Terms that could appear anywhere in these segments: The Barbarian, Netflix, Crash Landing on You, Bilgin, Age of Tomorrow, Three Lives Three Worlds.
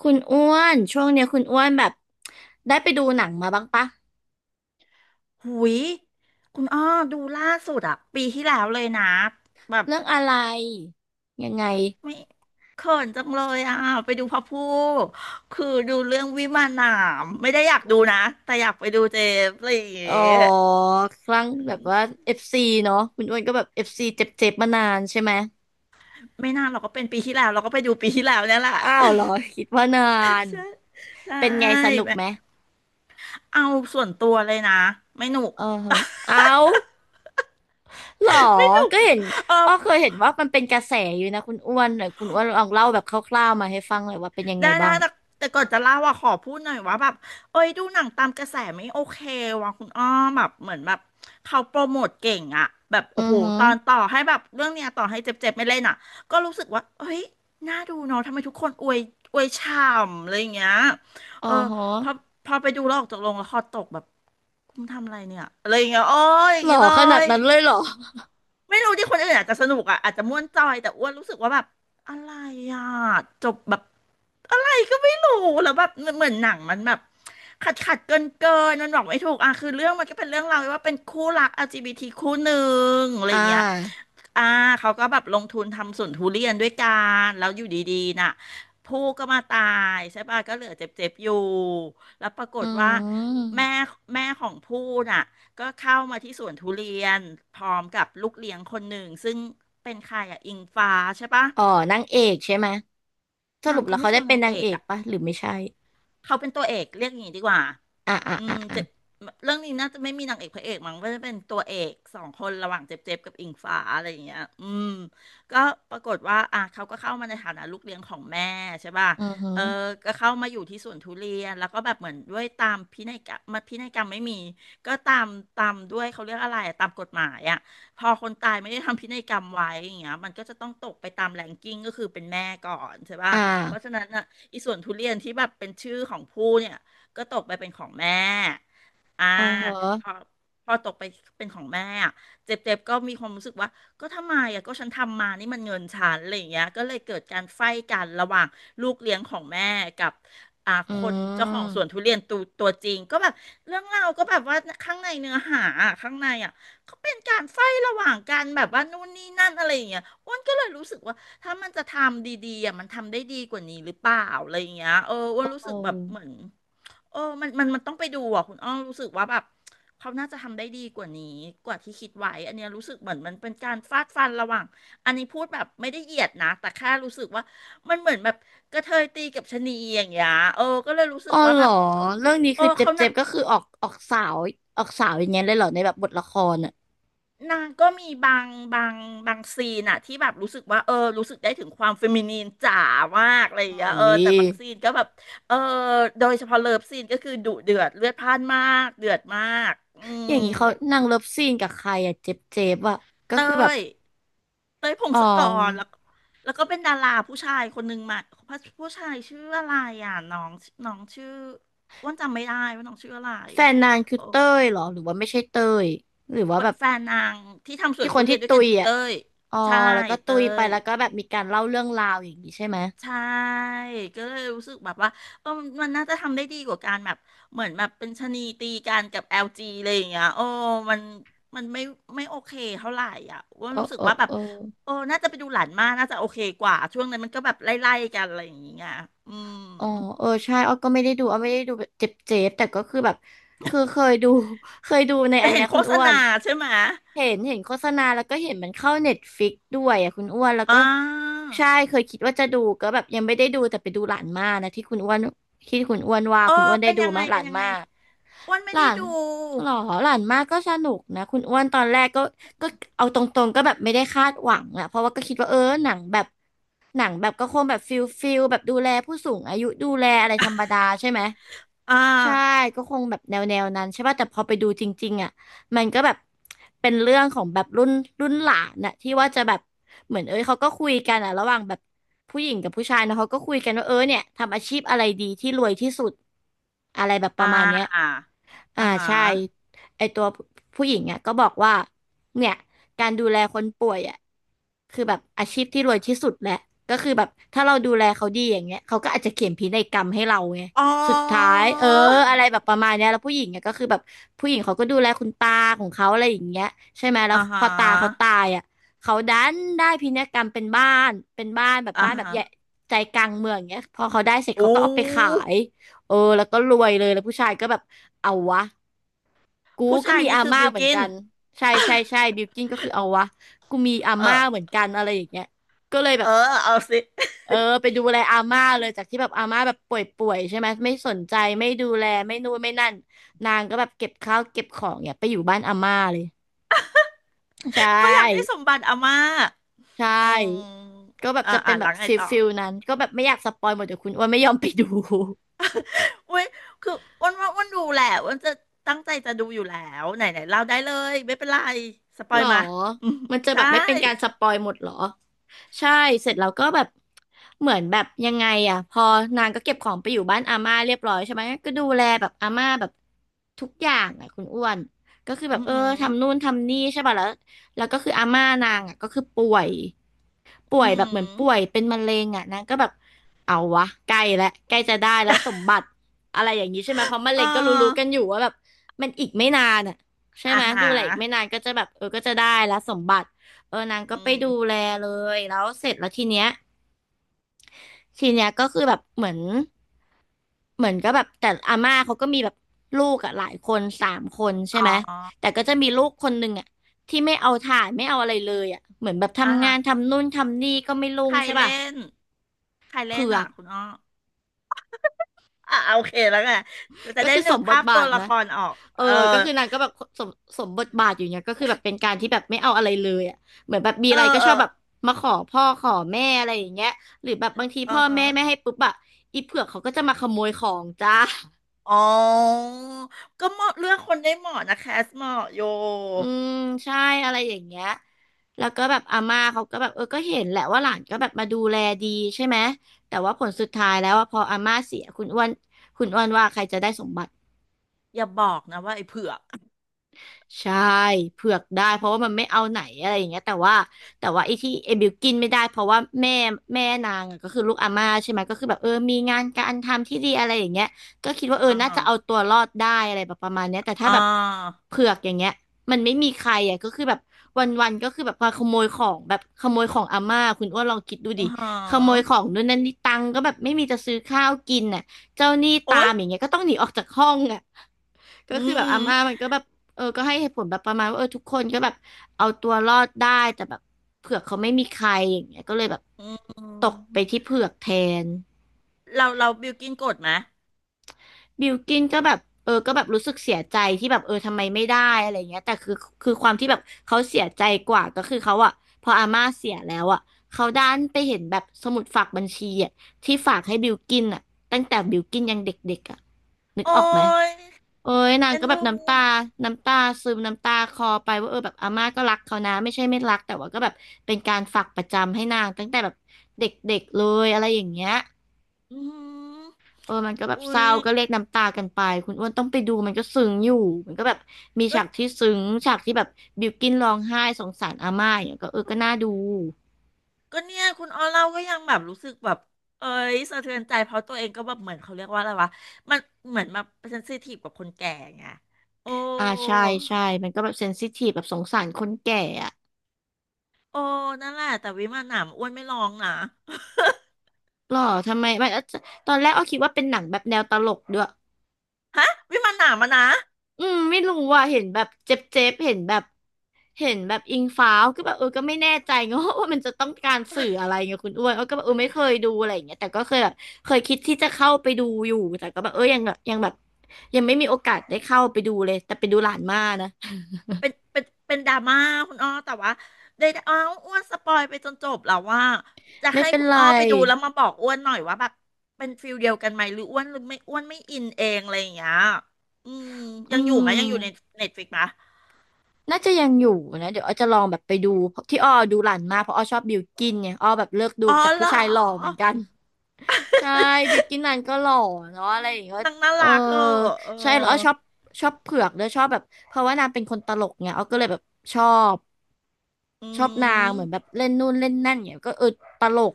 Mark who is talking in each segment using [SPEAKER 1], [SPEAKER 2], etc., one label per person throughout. [SPEAKER 1] คุณอ้วนช่วงเนี้ยคุณอ้วนแบบได้ไปดูหนังมาบ้างปะ
[SPEAKER 2] หุยคุณอ้อดูล่าสุดอะปีที่แล้วเลยนะแบบ
[SPEAKER 1] เรื่องอะไรยังไง
[SPEAKER 2] ไม่เขินจังเลยอะไปดูพระผู้คือดูเรื่องวิมานหนามไม่ได้อยากดูนะแต่อยากไปดูเจฟอะไรอย่างเงี้
[SPEAKER 1] อ๋อ
[SPEAKER 2] ย
[SPEAKER 1] ครั้งแบบว่าเอฟซีเนาะคุณอ้วนก็แบบเอฟซีเจ็บๆมานานใช่ไหม
[SPEAKER 2] ไม่นานเราก็เป็นปีที่แล้วเราก็ไปดูปีที่แล้วเนี่ยแหละ
[SPEAKER 1] อ้าวเหรอคิดว่านา น
[SPEAKER 2] ใช่ใช่
[SPEAKER 1] เป็นไงสนุก
[SPEAKER 2] แบ
[SPEAKER 1] ไหม
[SPEAKER 2] บเอาส่วนตัวเลยนะไม่หนุก
[SPEAKER 1] เออฮะเอาเหรอ
[SPEAKER 2] ไม่หนุก
[SPEAKER 1] ก็เห็น
[SPEAKER 2] เออ
[SPEAKER 1] อ้อเคยเห็นว่ามันเป็นกระแสอยู่นะคุณอ้วนหน่อยคุณอ้วนลองเล่าแบบคร่าวๆมาให้ฟังหน่อยว่าเป็นยังไง
[SPEAKER 2] ได้
[SPEAKER 1] บ้า
[SPEAKER 2] ได้
[SPEAKER 1] ง
[SPEAKER 2] แต่แต่ก่อนจะเล่าว่าขอพูดหน่อยว่าแบบเอ้ยดูหนังตามกระแสไม่โอเคว่ะคุณอ้อมแบบเหมือนแบบเขาโปรโมทเก่งอะแบบ
[SPEAKER 1] อื
[SPEAKER 2] โอ้
[SPEAKER 1] อ
[SPEAKER 2] โห
[SPEAKER 1] ฮึ
[SPEAKER 2] ตอนต่อให้แบบเรื่องเนี้ยต่อให้เจ็บๆไม่เล่นอะก็รู้สึกว่าเอ้ยน่าดูเนาะทำไมทุกคนอวยอวยฉ่ำอะไรอย่างเงี้ย
[SPEAKER 1] อ๋อ
[SPEAKER 2] เออ
[SPEAKER 1] ฮะ
[SPEAKER 2] พอพอไปดูแล้วออกจากโรงละครตกแบบคุณทำอะไรเนี่ยอะไรอย่างเงี้ยโอ้ยอย่าง
[SPEAKER 1] เหรอ
[SPEAKER 2] งี้เล
[SPEAKER 1] ขนาด
[SPEAKER 2] ย
[SPEAKER 1] นั้นเลยเหรอ
[SPEAKER 2] ไม่รู้ที่คนอื่นอาจจะสนุกอ่ะอาจจะม่วนจอยแต่อ้วนรู้สึกว่าแบบอะไรอ่ะจบแบบอะไรก็ไม่รู้แล้วแบบเหมือนหนังมันแบบขัดขัดเกินเกินมันบอกไม่ถูกอ่ะคือเรื่องมันก็เป็นเรื่องราวว่าเป็นคู่รัก LGBT คู่หนึ่งอะไร
[SPEAKER 1] อ่
[SPEAKER 2] อย่างเงี้ย
[SPEAKER 1] า
[SPEAKER 2] อ่าเขาก็แบบลงทุนทำสวนทุเรียนด้วยกันแล้วอยู่ดีๆน่ะผู้ก็มาตายใช่ป่ะก็เหลือเจ็บๆอยู่แล้วปราก
[SPEAKER 1] อื
[SPEAKER 2] ฏว่าแม่
[SPEAKER 1] ม
[SPEAKER 2] แม่ของผู้น่ะ ก็เข้ามาที่สวนทุเรียนพร้อมกับลูกเลี้ยงคนหนึ่งซึ่งเป็นใครอะอิงฟ้าใช่ปะ
[SPEAKER 1] อ๋อนางเอกใช่ไหมส
[SPEAKER 2] นา
[SPEAKER 1] รุ
[SPEAKER 2] ง
[SPEAKER 1] ป
[SPEAKER 2] ก็
[SPEAKER 1] แล้ว
[SPEAKER 2] ไม่
[SPEAKER 1] เขา
[SPEAKER 2] เชิ
[SPEAKER 1] ได้
[SPEAKER 2] ง
[SPEAKER 1] เป็
[SPEAKER 2] นา
[SPEAKER 1] น
[SPEAKER 2] ง
[SPEAKER 1] นา
[SPEAKER 2] เอ
[SPEAKER 1] งเอ
[SPEAKER 2] ก
[SPEAKER 1] ก
[SPEAKER 2] อะ
[SPEAKER 1] ปะหรือไม่ใช่
[SPEAKER 2] เขาเป็นตัวเอกเรียกอย่างนี้ดีกว่า
[SPEAKER 1] อ่ะอ่ะ
[SPEAKER 2] อื
[SPEAKER 1] อ่ะ
[SPEAKER 2] ม
[SPEAKER 1] อ่ะ
[SPEAKER 2] เจ็บเรื่องนี้น่าจะไม่มีนางเอกพระเอกมั้งก็จะเป็นตัวเอกสองคนระหว่างเจ็บๆกับอิงฟ้าอะไรอย่างเงี้ยอืมก็ปรากฏว่าอ่ะเขาก็เข้ามาในฐานะลูกเลี้ยงของแม่ใช่ป่ะ
[SPEAKER 1] อือฮึ
[SPEAKER 2] เออก็เข้ามาอยู่ที่สวนทุเรียนแล้วก็แบบเหมือนด้วยตามพินัยกรรมมันพินัยกรรมไม่มีก็ตามตามด้วยเขาเรียกอะไรอะตามกฎหมายอ่ะพอคนตายไม่ได้ทำพินัยกรรมไว้อย่างเงี้ยมันก็จะต้องตกไปตามแรงกิ้งก็คือเป็นแม่ก่อนใช่ป่ะ
[SPEAKER 1] อ่า
[SPEAKER 2] เพราะฉะนั้นน่ะ อีส่วนทุเรียนที่แบบเป็นชื่อของผู้เนี่ยก็ตกไปเป็นของแม่ อ่า
[SPEAKER 1] อ๋อฮะ
[SPEAKER 2] พอพอตกไปเป็นของแม่อะเจ็บเจ็บก็มีความรู้สึกว่าก็ทำไมอ่ะก็ฉันทำมานี่มันเงินฉันอะไรอย่างเงี้ยก็เลยเกิดการไฟกันระหว่างลูกเลี้ยงของแม่กับอ่า
[SPEAKER 1] อื
[SPEAKER 2] คนเจ้าของสวน
[SPEAKER 1] ม
[SPEAKER 2] ทุเรียนตัวจริงก็แบบเรื่องราวก็แบบว่าข้างในเนื้อหาอะข้างในอ่ะก็เป็นการไฟระหว่างกันแบบว่านู่นนี่นั่นอะไรอย่างเงี้ยอ้วนก็เลยรู้สึกว่าถ้ามันจะทำดีๆอ่ะมันทำได้ดีกว่านี้หรือเปล่าอะไรอย่างเงี้ยเอออ้วนรู้
[SPEAKER 1] โอ
[SPEAKER 2] สึกแบบเหมือน
[SPEAKER 1] ้
[SPEAKER 2] เออมันต้องไปดูอ่ะคุณอ้อรู้สึกว่าแบบเขาน่าจะทำได้ดีกว่านี้กว่าที่คิดไว้อันเนี้ยรู้สึกเหมือนมันเป็นการฟาดฟันระหว่างอันนี้พูดแบบไม่ได้เหยียดนะแต่แค่รู้สึกว่ามันเหมือนแบบกระเทยตีกับชะนีอย่างเงี้ยเออก็เลยรู้สึ
[SPEAKER 1] อ๋อ
[SPEAKER 2] กว่า
[SPEAKER 1] เหร
[SPEAKER 2] แบ
[SPEAKER 1] อ
[SPEAKER 2] บ
[SPEAKER 1] เรื่องนี้
[SPEAKER 2] เออ
[SPEAKER 1] คือเจ็บ
[SPEAKER 2] เขา
[SPEAKER 1] เจ็
[SPEAKER 2] นะ
[SPEAKER 1] บก็คือออกออกสาวออกสาวอย่างเงี้ยเลยเหรอในแบบบทละครอ่ะ
[SPEAKER 2] นางก็มีบางบางซีนอะที่แบบรู้สึกว่าเออรู้สึกได้ถึงความเฟมินีนจ๋ามากอะไรอย่า
[SPEAKER 1] อุ้
[SPEAKER 2] งเงี้ยเออ
[SPEAKER 1] ย
[SPEAKER 2] แต่บางซีนก็แบบเออโดยเฉพาะเลิฟซีนก็คือดุเดือดเลือดพล่านมากเดือดมากอื
[SPEAKER 1] อ
[SPEAKER 2] ม
[SPEAKER 1] ย่างนี้เขานางเลิฟซีนกับใครอ่ะเจ็บเจ็บอ่ะก็
[SPEAKER 2] เต้
[SPEAKER 1] คือแบบ
[SPEAKER 2] ยเต้ยพง
[SPEAKER 1] อ๋อ
[SPEAKER 2] ศกรแล้วก็เป็นดาราผู้ชายคนหนึ่งมาผู้ชายชื่ออะไรอ่ะ น้อง น้องชื่ออ้วนจำไม่ได้ว่าน้องชื่ออะไร
[SPEAKER 1] แฟนนางคื
[SPEAKER 2] เอ
[SPEAKER 1] อ
[SPEAKER 2] อ
[SPEAKER 1] เต้ยเหรอหรือว่าไม่ใช่เต้ยหรือว่าแบบ
[SPEAKER 2] แฟนนางที่ทำสว
[SPEAKER 1] พี่
[SPEAKER 2] น
[SPEAKER 1] ค
[SPEAKER 2] ทุ
[SPEAKER 1] น
[SPEAKER 2] เรี
[SPEAKER 1] ที่
[SPEAKER 2] ยนด้วย
[SPEAKER 1] ตุ
[SPEAKER 2] กัน
[SPEAKER 1] ย
[SPEAKER 2] คือ
[SPEAKER 1] อ่ะ
[SPEAKER 2] เต้ย
[SPEAKER 1] อ๋อ
[SPEAKER 2] ใช่
[SPEAKER 1] แล้วก็ตุ
[SPEAKER 2] เต้
[SPEAKER 1] ยไป
[SPEAKER 2] ย
[SPEAKER 1] แล้วก็แบบมีการเล่าเรื่องราวอย่างนี้ใช่ไหม
[SPEAKER 2] ใช่ก็เลยรู้สึกแบบว่าเออมันน่าจะทำได้ดีกว่าการแบบเหมือนแบบเป็นชะนีตีกันกับ LG อลจีอะไรอย่างเงี้ยโอ้มันมันไม่โอเคเท่าไหร่อ่ะว่า
[SPEAKER 1] เออ
[SPEAKER 2] รู้สึ
[SPEAKER 1] เอ
[SPEAKER 2] ก
[SPEAKER 1] อ
[SPEAKER 2] ว่าแบ
[SPEAKER 1] เอ
[SPEAKER 2] บ
[SPEAKER 1] อ
[SPEAKER 2] โอ้น่าจะไปดูหลานมากน่าจะโอเคกว่าช่วงนั้นมันก็แบบไล่ๆกันอะไรอย่างเงี้ยอืม
[SPEAKER 1] อ๋อเออใช่อ้อก็ไม่ได้ดูอ้อไม่ได้ดูแบบเจ็บเจ็บแต่ก็คือแบบคือเคยดู เคยดูใน
[SPEAKER 2] แต่
[SPEAKER 1] อัน
[SPEAKER 2] เห็
[SPEAKER 1] เนี้
[SPEAKER 2] น
[SPEAKER 1] ย
[SPEAKER 2] โฆ
[SPEAKER 1] คุณ
[SPEAKER 2] ษ
[SPEAKER 1] อ้ว
[SPEAKER 2] ณา
[SPEAKER 1] น
[SPEAKER 2] ใช่ไหม
[SPEAKER 1] เห็นเห็นโฆษณาแล้วก็เห็นมันเข้าเน็ตฟิกด้วยอ่ะคุณอ้วนแล้ว
[SPEAKER 2] อ่
[SPEAKER 1] ก็
[SPEAKER 2] า
[SPEAKER 1] ใช่เคยคิดว่าจะดูก็แบบยังไม่ได้ดูแต่ไปดูหลานมานะที่คุณอ้วนที่คุณอ้วนว่า
[SPEAKER 2] เออ
[SPEAKER 1] คุณอ้วนได้
[SPEAKER 2] เป็น
[SPEAKER 1] ดู
[SPEAKER 2] ยัง
[SPEAKER 1] ไห
[SPEAKER 2] ไง
[SPEAKER 1] มยห
[SPEAKER 2] เป็
[SPEAKER 1] ลา
[SPEAKER 2] น
[SPEAKER 1] น
[SPEAKER 2] ยังไง
[SPEAKER 1] มา
[SPEAKER 2] อ้วนไม่
[SPEAKER 1] หลา
[SPEAKER 2] ได้
[SPEAKER 1] น
[SPEAKER 2] ดู
[SPEAKER 1] หรอหลานมาก็สนุกนะคุณอ้วนตอนแรกก็ก็เอาตรงๆก็แบบไม่ได้คาดหวังอะเพราะว่าก็คิดว่าเออหนังแบบ หนังแบบก็คงแบบฟิลฟิลแบบดูแลผู้สูงอายุดูแลอะไรธรรมดาใช่ไหม
[SPEAKER 2] อ่า
[SPEAKER 1] ใช่ก็คงแบบแนวแนวนั้นใช่ป่ะแต่พอไปดูจริงๆอ่ะมันก็แบบเป็นเรื่องของแบบรุ่นรุ่นหลานน่ะที่ว่าจะแบบเหมือนเอ้ยเขาก็คุยกันอ่ะระหว่างแบบผู้หญิงกับผู้ชายเนอะเขาก็คุยกันว่าเออเนี่ยทำอาชีพอะไรดีที่รวยที่สุดอะไรแบบป
[SPEAKER 2] อ่า
[SPEAKER 1] ระมาณเนี้ย
[SPEAKER 2] อ่า
[SPEAKER 1] อ่า
[SPEAKER 2] อ่าฮะ
[SPEAKER 1] ใช่ไอตัวผู้หญิงอ่ะก็บอกว่าเนี่ยการดูแลคนป่วยอ่ะคือแบบอาชีพที่รวยที่สุดแหละก็คือแบบถ้าเราดูแลเขาดีอย่างเงี้ยเขาก็อาจจะเขียนพินัยกรรมให้เราไง
[SPEAKER 2] อ๋
[SPEAKER 1] สุดท้า
[SPEAKER 2] อ
[SPEAKER 1] ยเอออะไรแบบประมาณเนี้ยแล้วผู้หญิงอ่ะก็คือแบบผู้หญิงเขาก็ดูแลคุณตาของเขาอะไรอย่างเงี้ยใช่ไหมแล้ว
[SPEAKER 2] อ่า
[SPEAKER 1] พ
[SPEAKER 2] ฮะ
[SPEAKER 1] อตาเขาตายอ่ะเขาดันได้พินัยกรรมเป็นบ้านเป็นบ้านแบบ
[SPEAKER 2] อ่า
[SPEAKER 1] บ้านแบบ
[SPEAKER 2] ฮะ
[SPEAKER 1] ใหญ่ใจกลางเมืองอย่างเงี้ยพอเขาได้เสร็จเขา
[SPEAKER 2] อู้
[SPEAKER 1] ก็เอาไปขายเออแล้วก็รวยเลยแล้วผู้ชายก็แบบ เอาวะกู
[SPEAKER 2] ผู้
[SPEAKER 1] ก็
[SPEAKER 2] ชาย
[SPEAKER 1] มี
[SPEAKER 2] นี้
[SPEAKER 1] อา
[SPEAKER 2] คือ
[SPEAKER 1] ม่า
[SPEAKER 2] บิล
[SPEAKER 1] เหมือน
[SPEAKER 2] กิน
[SPEAKER 1] กั นใช่ใช่ใช่บิวกิ้นก็คือเอาวะกูมีอา
[SPEAKER 2] เออ
[SPEAKER 1] ม่าเหมือนกันอะไรอย่างเงี้ยก็เลยแบ
[SPEAKER 2] เออ
[SPEAKER 1] บ
[SPEAKER 2] เอาสิ
[SPEAKER 1] เออไปดูแลอาม่าเลยจากที่แบบอาม่าแบบป่วยๆใช่ไหมไม่สนใจไม่ดูแลไม่นู่นไม่นั่นนางก็แบบเก็บข้าวเก็บของเนี่ยไปอยู่บ้านอาม่าเลยใช
[SPEAKER 2] เพราะอยากได้
[SPEAKER 1] ่
[SPEAKER 2] สมบัติอาม่า
[SPEAKER 1] ใช
[SPEAKER 2] อืม
[SPEAKER 1] ่ก็แบบ
[SPEAKER 2] อ่า
[SPEAKER 1] จะเป็
[SPEAKER 2] อ่า
[SPEAKER 1] นแบ
[SPEAKER 2] หลั
[SPEAKER 1] บ
[SPEAKER 2] งไง
[SPEAKER 1] ฟิล
[SPEAKER 2] ต่อ
[SPEAKER 1] ฟิลนั้นก็แบบไม่อยากสปอยหมดเดี๋ยวคุณอ้วนไม่ยอมไปดู
[SPEAKER 2] อุ้ยคืออ้วันว่าอ้วันดูแหละอ้วันจะตั้งใจจะดูอยู่แล้วไหนไหนเล่าได้เลย ไม่เป็นไร สป
[SPEAKER 1] หร
[SPEAKER 2] อย
[SPEAKER 1] อ
[SPEAKER 2] มา อืม
[SPEAKER 1] มันจะแบ
[SPEAKER 2] ได้
[SPEAKER 1] บไม่เป็นการสปอยหมดหรอใช่เสร็จแล้วก็แบบเหมือนแบบยังไงอ่ะพอนางก็เก็บของไปอยู่บ้านอาม่าเรียบร้อยใช่ไหมก็ดูแลแบบอาม่าแบบทุกอย่างอ่ะคุณอ้วนก็คือแบ
[SPEAKER 2] อื
[SPEAKER 1] บ
[SPEAKER 2] ม
[SPEAKER 1] เออ
[SPEAKER 2] อืม
[SPEAKER 1] ทำนู่นทำนี่ใช่ป่ะแล้วแล้วก็คืออาม่านางอ่ะก็คือป่วยป่ว
[SPEAKER 2] อื
[SPEAKER 1] ยแบบเหมือน
[SPEAKER 2] ม
[SPEAKER 1] ป่วยเป็นมะเร็งอ่ะนางก็แบบเอาวะใกล้แล้วใกล้จะได้แล้วสมบัติอะไรอย่างนี้ใช่ไหมเพราะมะ
[SPEAKER 2] เ
[SPEAKER 1] เร็งก็รู้ๆกัน
[SPEAKER 2] ออ
[SPEAKER 1] อยู่ว่าแบบมันอีกไม่นานอ่ะ ใช่
[SPEAKER 2] อา
[SPEAKER 1] ไหม
[SPEAKER 2] หา
[SPEAKER 1] ดูแลอี
[SPEAKER 2] ร
[SPEAKER 1] กไม่นานก็จะแบบเออก็จะได้ละสมบัติเออนางก็
[SPEAKER 2] อื
[SPEAKER 1] ไป
[SPEAKER 2] ม
[SPEAKER 1] ดูแลเลยแล้วเสร็จแล้วทีเนี้ยทีเนี้ยก็คือแบบเหมือนเหมือนก็แบบแต่อาม่าเขาก็มีแบบลูกอ่ะหลายคนสามคนใช่
[SPEAKER 2] อ๋อ
[SPEAKER 1] ไหมแต่ก็จะมีลูกคนหนึ่งอ่ะที่ไม่เอาถ่ายไม่เอาอะไรเลยอ่ะเหมือนแบบ
[SPEAKER 2] อา
[SPEAKER 1] ทำ
[SPEAKER 2] หา
[SPEAKER 1] งาน
[SPEAKER 2] ร
[SPEAKER 1] ทำนู่นทำนี่ก็ไม่ลุ่
[SPEAKER 2] ใค
[SPEAKER 1] ง
[SPEAKER 2] ร
[SPEAKER 1] ใช่ป่ะ
[SPEAKER 2] เล่น ใครเล่
[SPEAKER 1] เผื
[SPEAKER 2] น
[SPEAKER 1] อ
[SPEAKER 2] อ่ะ
[SPEAKER 1] ก
[SPEAKER 2] คุณอ้อ อ่ะโอเคแล้วไงจะ
[SPEAKER 1] ก็
[SPEAKER 2] ได้
[SPEAKER 1] คือ
[SPEAKER 2] นึ
[SPEAKER 1] ส
[SPEAKER 2] ก
[SPEAKER 1] มบท
[SPEAKER 2] ภาพ
[SPEAKER 1] บา
[SPEAKER 2] ตัว
[SPEAKER 1] ท
[SPEAKER 2] ละ
[SPEAKER 1] นะ
[SPEAKER 2] ครออก
[SPEAKER 1] เออ
[SPEAKER 2] เออ
[SPEAKER 1] ก็คือนางก็แบบสมสมบทบาทอยู่เนี่ยก็คือแบบเป็นการที่แบบไม่เอาอะไรเลยอ่ะเหมือนแบบมี
[SPEAKER 2] เอ
[SPEAKER 1] อะ
[SPEAKER 2] อ
[SPEAKER 1] ไรก็
[SPEAKER 2] เอ
[SPEAKER 1] ช
[SPEAKER 2] อ
[SPEAKER 1] อบแบบมาขอพ่อขอแม่อะไรอย่างเงี้ยหรือแบบบางที
[SPEAKER 2] อ่า
[SPEAKER 1] พ่อ
[SPEAKER 2] ฮะ
[SPEAKER 1] แม่ไม่ให้ปุ๊บอ่ะอีเผือกเขาก็จะมาขโมยของจ้า
[SPEAKER 2] อ๋อก็เหมาะเลือกคนได้เหมาะนะแคสเหมาะโย
[SPEAKER 1] อืมใช่อะไรอย่างเงี้ยแล้วก็แบบอาม่าเขาก็แบบเออก็เห็นแหละว่าหลานก็แบบมาดูแลดีใช่ไหมแต่ว่าผลสุดท้ายแล้วอะพออาม่าเสียคุณอ้วนว่าใครจะได้สมบัติ
[SPEAKER 2] อย่าบอกนะว่าไอ้เผือก
[SPEAKER 1] ใช่เผือกได้เพราะว่ามันไม่เอาไหนอะไรอย่างเงี้ยแต่ว่าไอ้ที่เอบิวกินไม่ได้เพราะว่าแม่นางอะก็คือลูกอาม่าใช่ไหมก็คือแบบเออมีงานการทำที่ดีอะไรอย่างเงี้ยก็คิดว่าเออ
[SPEAKER 2] อ่า
[SPEAKER 1] น่า
[SPEAKER 2] ฮะ
[SPEAKER 1] จะเอาตัวรอดได้อะไรแบบประมาณเนี้ยแต่ถ้า
[SPEAKER 2] อ่
[SPEAKER 1] แบบ
[SPEAKER 2] า
[SPEAKER 1] เผือกอย่างเงี้ยมันไม่มีใครอ่ะก็คือแบบวันๆก็คือแบบมาขโมยของแบบขโมยของอาม่าคุณอ้วนลองคิดดูดิ
[SPEAKER 2] อือฮะ
[SPEAKER 1] ขโมยของนู่นนั่นนี่ตังค์ก็แบบไม่มีจะซื้อข้าวกินน่ะเจ้าหนี้ตา
[SPEAKER 2] โอ๊ย
[SPEAKER 1] มอย่างเงี้ยก็ต้องหนีออกจากห้องอ่ะ ก็
[SPEAKER 2] อื
[SPEAKER 1] คือแบบอาม่า
[SPEAKER 2] ม
[SPEAKER 1] มันก็แบบเออก็ให้เหตุผลแบบประมาณว่าเออทุกคนก็แบบเอาตัวรอดได้แต่แบบเผือกเขาไม่มีใครอย่างเงี้ยก็เลยแบบ
[SPEAKER 2] อืม
[SPEAKER 1] ตกไปที่เผือกแทน
[SPEAKER 2] เราเราบิวกินกดไหม
[SPEAKER 1] บิลกินก็แบบเออก็แบบรู้สึกเสียใจที่แบบเออทำไมไม่ได้อะไรเงี้ยแต่คือความที่แบบเขาเสียใจกว่าก็คือเขาอะพออาม่าเสียแล้วอะเขาด้านไปเห็นแบบสมุดฝากบัญชีอะที่ฝากให้บิลกินอะตั้งแต่บิลกินยังเด็กๆอะนึก
[SPEAKER 2] โอ๊
[SPEAKER 1] ออกไหม
[SPEAKER 2] ย
[SPEAKER 1] โอ้ยนาง
[SPEAKER 2] เอ็น
[SPEAKER 1] ก็แบ
[SPEAKER 2] ดู
[SPEAKER 1] บน้ำตา
[SPEAKER 2] อ่ะ
[SPEAKER 1] น้ำตาซึมน้ำตาคลอไปว่าเออแบบอาม่าก็รักเขานะไม่ใช่ไม่รักแต่ว่าก็แบบเป็นการฝากประจำให้นางตั้งแต่แบบเด็กๆเลยอะไรอย่างเงี้ย
[SPEAKER 2] อืม
[SPEAKER 1] เออมันก็แบบ
[SPEAKER 2] อุ้
[SPEAKER 1] เศ
[SPEAKER 2] ย
[SPEAKER 1] ร้าก็เรียกน้ำตากันไปคุณอ้วนต้องไปดูมันก็ซึ้งอยู่มันก็แบบมี
[SPEAKER 2] ก็
[SPEAKER 1] ฉากที่ซึ้งฉากที่แบบบิวกิ้นร้องไห้สงสารอาม่าอย่างเงี้ยก็เออก็น่าดู
[SPEAKER 2] ก็เนี่ยคุณออเล่าก็ยังแบบรู้สึกแบบเอ้ยสะเทือนใจเพราะตัวเองก็แบบเหมือนเขาเรียกว่าอะไรวะมันเหมือนมาเซนซิทีฟกับคนแก่ไงโอ้
[SPEAKER 1] ใช่ใช่มันก็แบบเซนซิทีฟแบบสงสารคนแก่อะ
[SPEAKER 2] โอ้นั่นแหละแต่วิมานหนามอ้วนไม่ลองนะ
[SPEAKER 1] หรอทำไมมันตอนแรกอ้อคิดว่าเป็นหนังแบบแนวตลกด้วย
[SPEAKER 2] วิมานหนามอะนะ
[SPEAKER 1] อืมไม่รู้อ่ะเห็นแบบเจ็บเจ็บเห็นแบบเห็นแบบอิงฟ้าวก็แบบเออก็ไม่แน่ใจไง ว่ามันจะต้องการสื่ออะไรไงคุณอ้วนเออก็แบบเออไม่เคยดูอะไรอย่างเงี้ยแต่ก็เคยแบบเคยคิดที่จะเข้าไปดูอยู่แต่ก็แบบเออยังแบบยังไม่มีโอกาสได้เข้าไปดูเลยแต่ไปดูหลานม่านะ
[SPEAKER 2] เป็นดราม่าคุณอ้อแต่ว่าได้อ้าวอ้วนสปอยไปจนจบแล้วว่าจะ
[SPEAKER 1] ไม่
[SPEAKER 2] ให้
[SPEAKER 1] เป็น
[SPEAKER 2] คุณ
[SPEAKER 1] ไร
[SPEAKER 2] อ้อไปดูแล้วมาบอกอ้วนหน่อยว่าแบบเป็นฟิลเดียวกันไหมหรืออ้วนหรือไม่อ้วนไม่อินเองอะไรอย่างเงี้ยอืม
[SPEAKER 1] อื
[SPEAKER 2] ยังอยู่ไห
[SPEAKER 1] ม
[SPEAKER 2] มยังอยู่ในเน็ตฟลิกซ์ไหม
[SPEAKER 1] น่าจะยังอยู่นะเดี๋ยวอ้อจะลองแบบไปดูที่อ้อดูหลานมาเพราะอ้อชอบบิวกินเนี่ยอ้อแบบเลิกดู
[SPEAKER 2] อ๋อ
[SPEAKER 1] จาก
[SPEAKER 2] เหร
[SPEAKER 1] ผู้
[SPEAKER 2] อ
[SPEAKER 1] ชายหล่อเหมือนกัน ใช่บิวกินนันก็หล่อเนาะอะไรอย่างเงี้ยก็
[SPEAKER 2] นางน่า
[SPEAKER 1] เออ
[SPEAKER 2] รักเออเออ
[SPEAKER 1] ใช่แล้วอ้อชอบเผือกด้วยชอบแบบเพราะว่านางเป็นคนตลกไงอ้อก็เลยแบบชอบ
[SPEAKER 2] อื
[SPEAKER 1] ชอบนางเหมือนแบบ
[SPEAKER 2] ม
[SPEAKER 1] เล่นนู่นเล่นนั่นเงี้ยก็เออตลก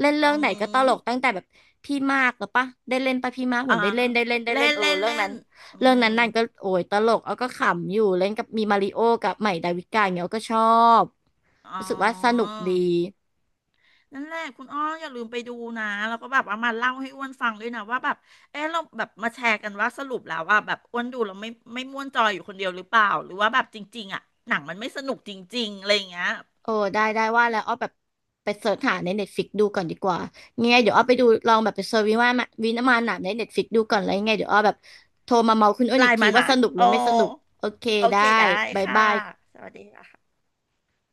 [SPEAKER 1] เล่นเรื่อ
[SPEAKER 2] อื
[SPEAKER 1] งไหนก็ตลกตั้ง
[SPEAKER 2] ม
[SPEAKER 1] แต่แบบพี่มากหรือปะได้เล่นปะพี่มากเหมื
[SPEAKER 2] อ่า
[SPEAKER 1] อนได้เล่นได้เล่นได้
[SPEAKER 2] เล่
[SPEAKER 1] เล่น
[SPEAKER 2] น
[SPEAKER 1] เออ
[SPEAKER 2] เล่น
[SPEAKER 1] เรื่อง
[SPEAKER 2] เล่
[SPEAKER 1] นั้น
[SPEAKER 2] นอื
[SPEAKER 1] เรื่อง
[SPEAKER 2] ม
[SPEAKER 1] นั้นนางก็โอ้ยตลกอ้อก็ขำอยู่เล่นกับมีมาริโอกับใหม่ดาวิกาย่างเงี้ยอ้อก็ชอบ
[SPEAKER 2] อ๋อ
[SPEAKER 1] รู้สึกว่าสนุกดี
[SPEAKER 2] นั่นแหละคุณอ้ออย่าลืมไปดูนะ แล้วก็แบบเอามาเล่าให้อ้วนฟังด้วยนะว่าแบบเออเราแบบมาแชร์กันว่าสรุปแล้วว่าแบบอ้วนดูแล้วไม่ม่วนจอยอยู่คนเดียวหรือเปล่าหรือว่าแบบจริงๆอ่ะหนังมันไม่สนุกจริงๆอะไรอย่างเงี้ย
[SPEAKER 1] เออได้ว่าแล้วอ้อแบบไปเสิร์ชหาในเน็ตฟิกดูก่อนดีกว่ายังไงเดี๋ยวอ้อไปดูลองแบบไปเสิร์ชวิว่ามาวินามานหนามในเน็ตฟิกดูก่อนแล้วยังไงเดี๋ยวอ้อแบบโทรมาเมาคุณอ้น
[SPEAKER 2] ไล
[SPEAKER 1] อีก
[SPEAKER 2] น์
[SPEAKER 1] ที
[SPEAKER 2] มา
[SPEAKER 1] ว่า
[SPEAKER 2] นะ
[SPEAKER 1] สนุกหรื
[SPEAKER 2] โอ้
[SPEAKER 1] อไม่สนุกโอเค
[SPEAKER 2] โอ
[SPEAKER 1] ได้
[SPEAKER 2] เคได้
[SPEAKER 1] บาย
[SPEAKER 2] ค่ะ
[SPEAKER 1] บาย
[SPEAKER 2] สวัสดีค่ะ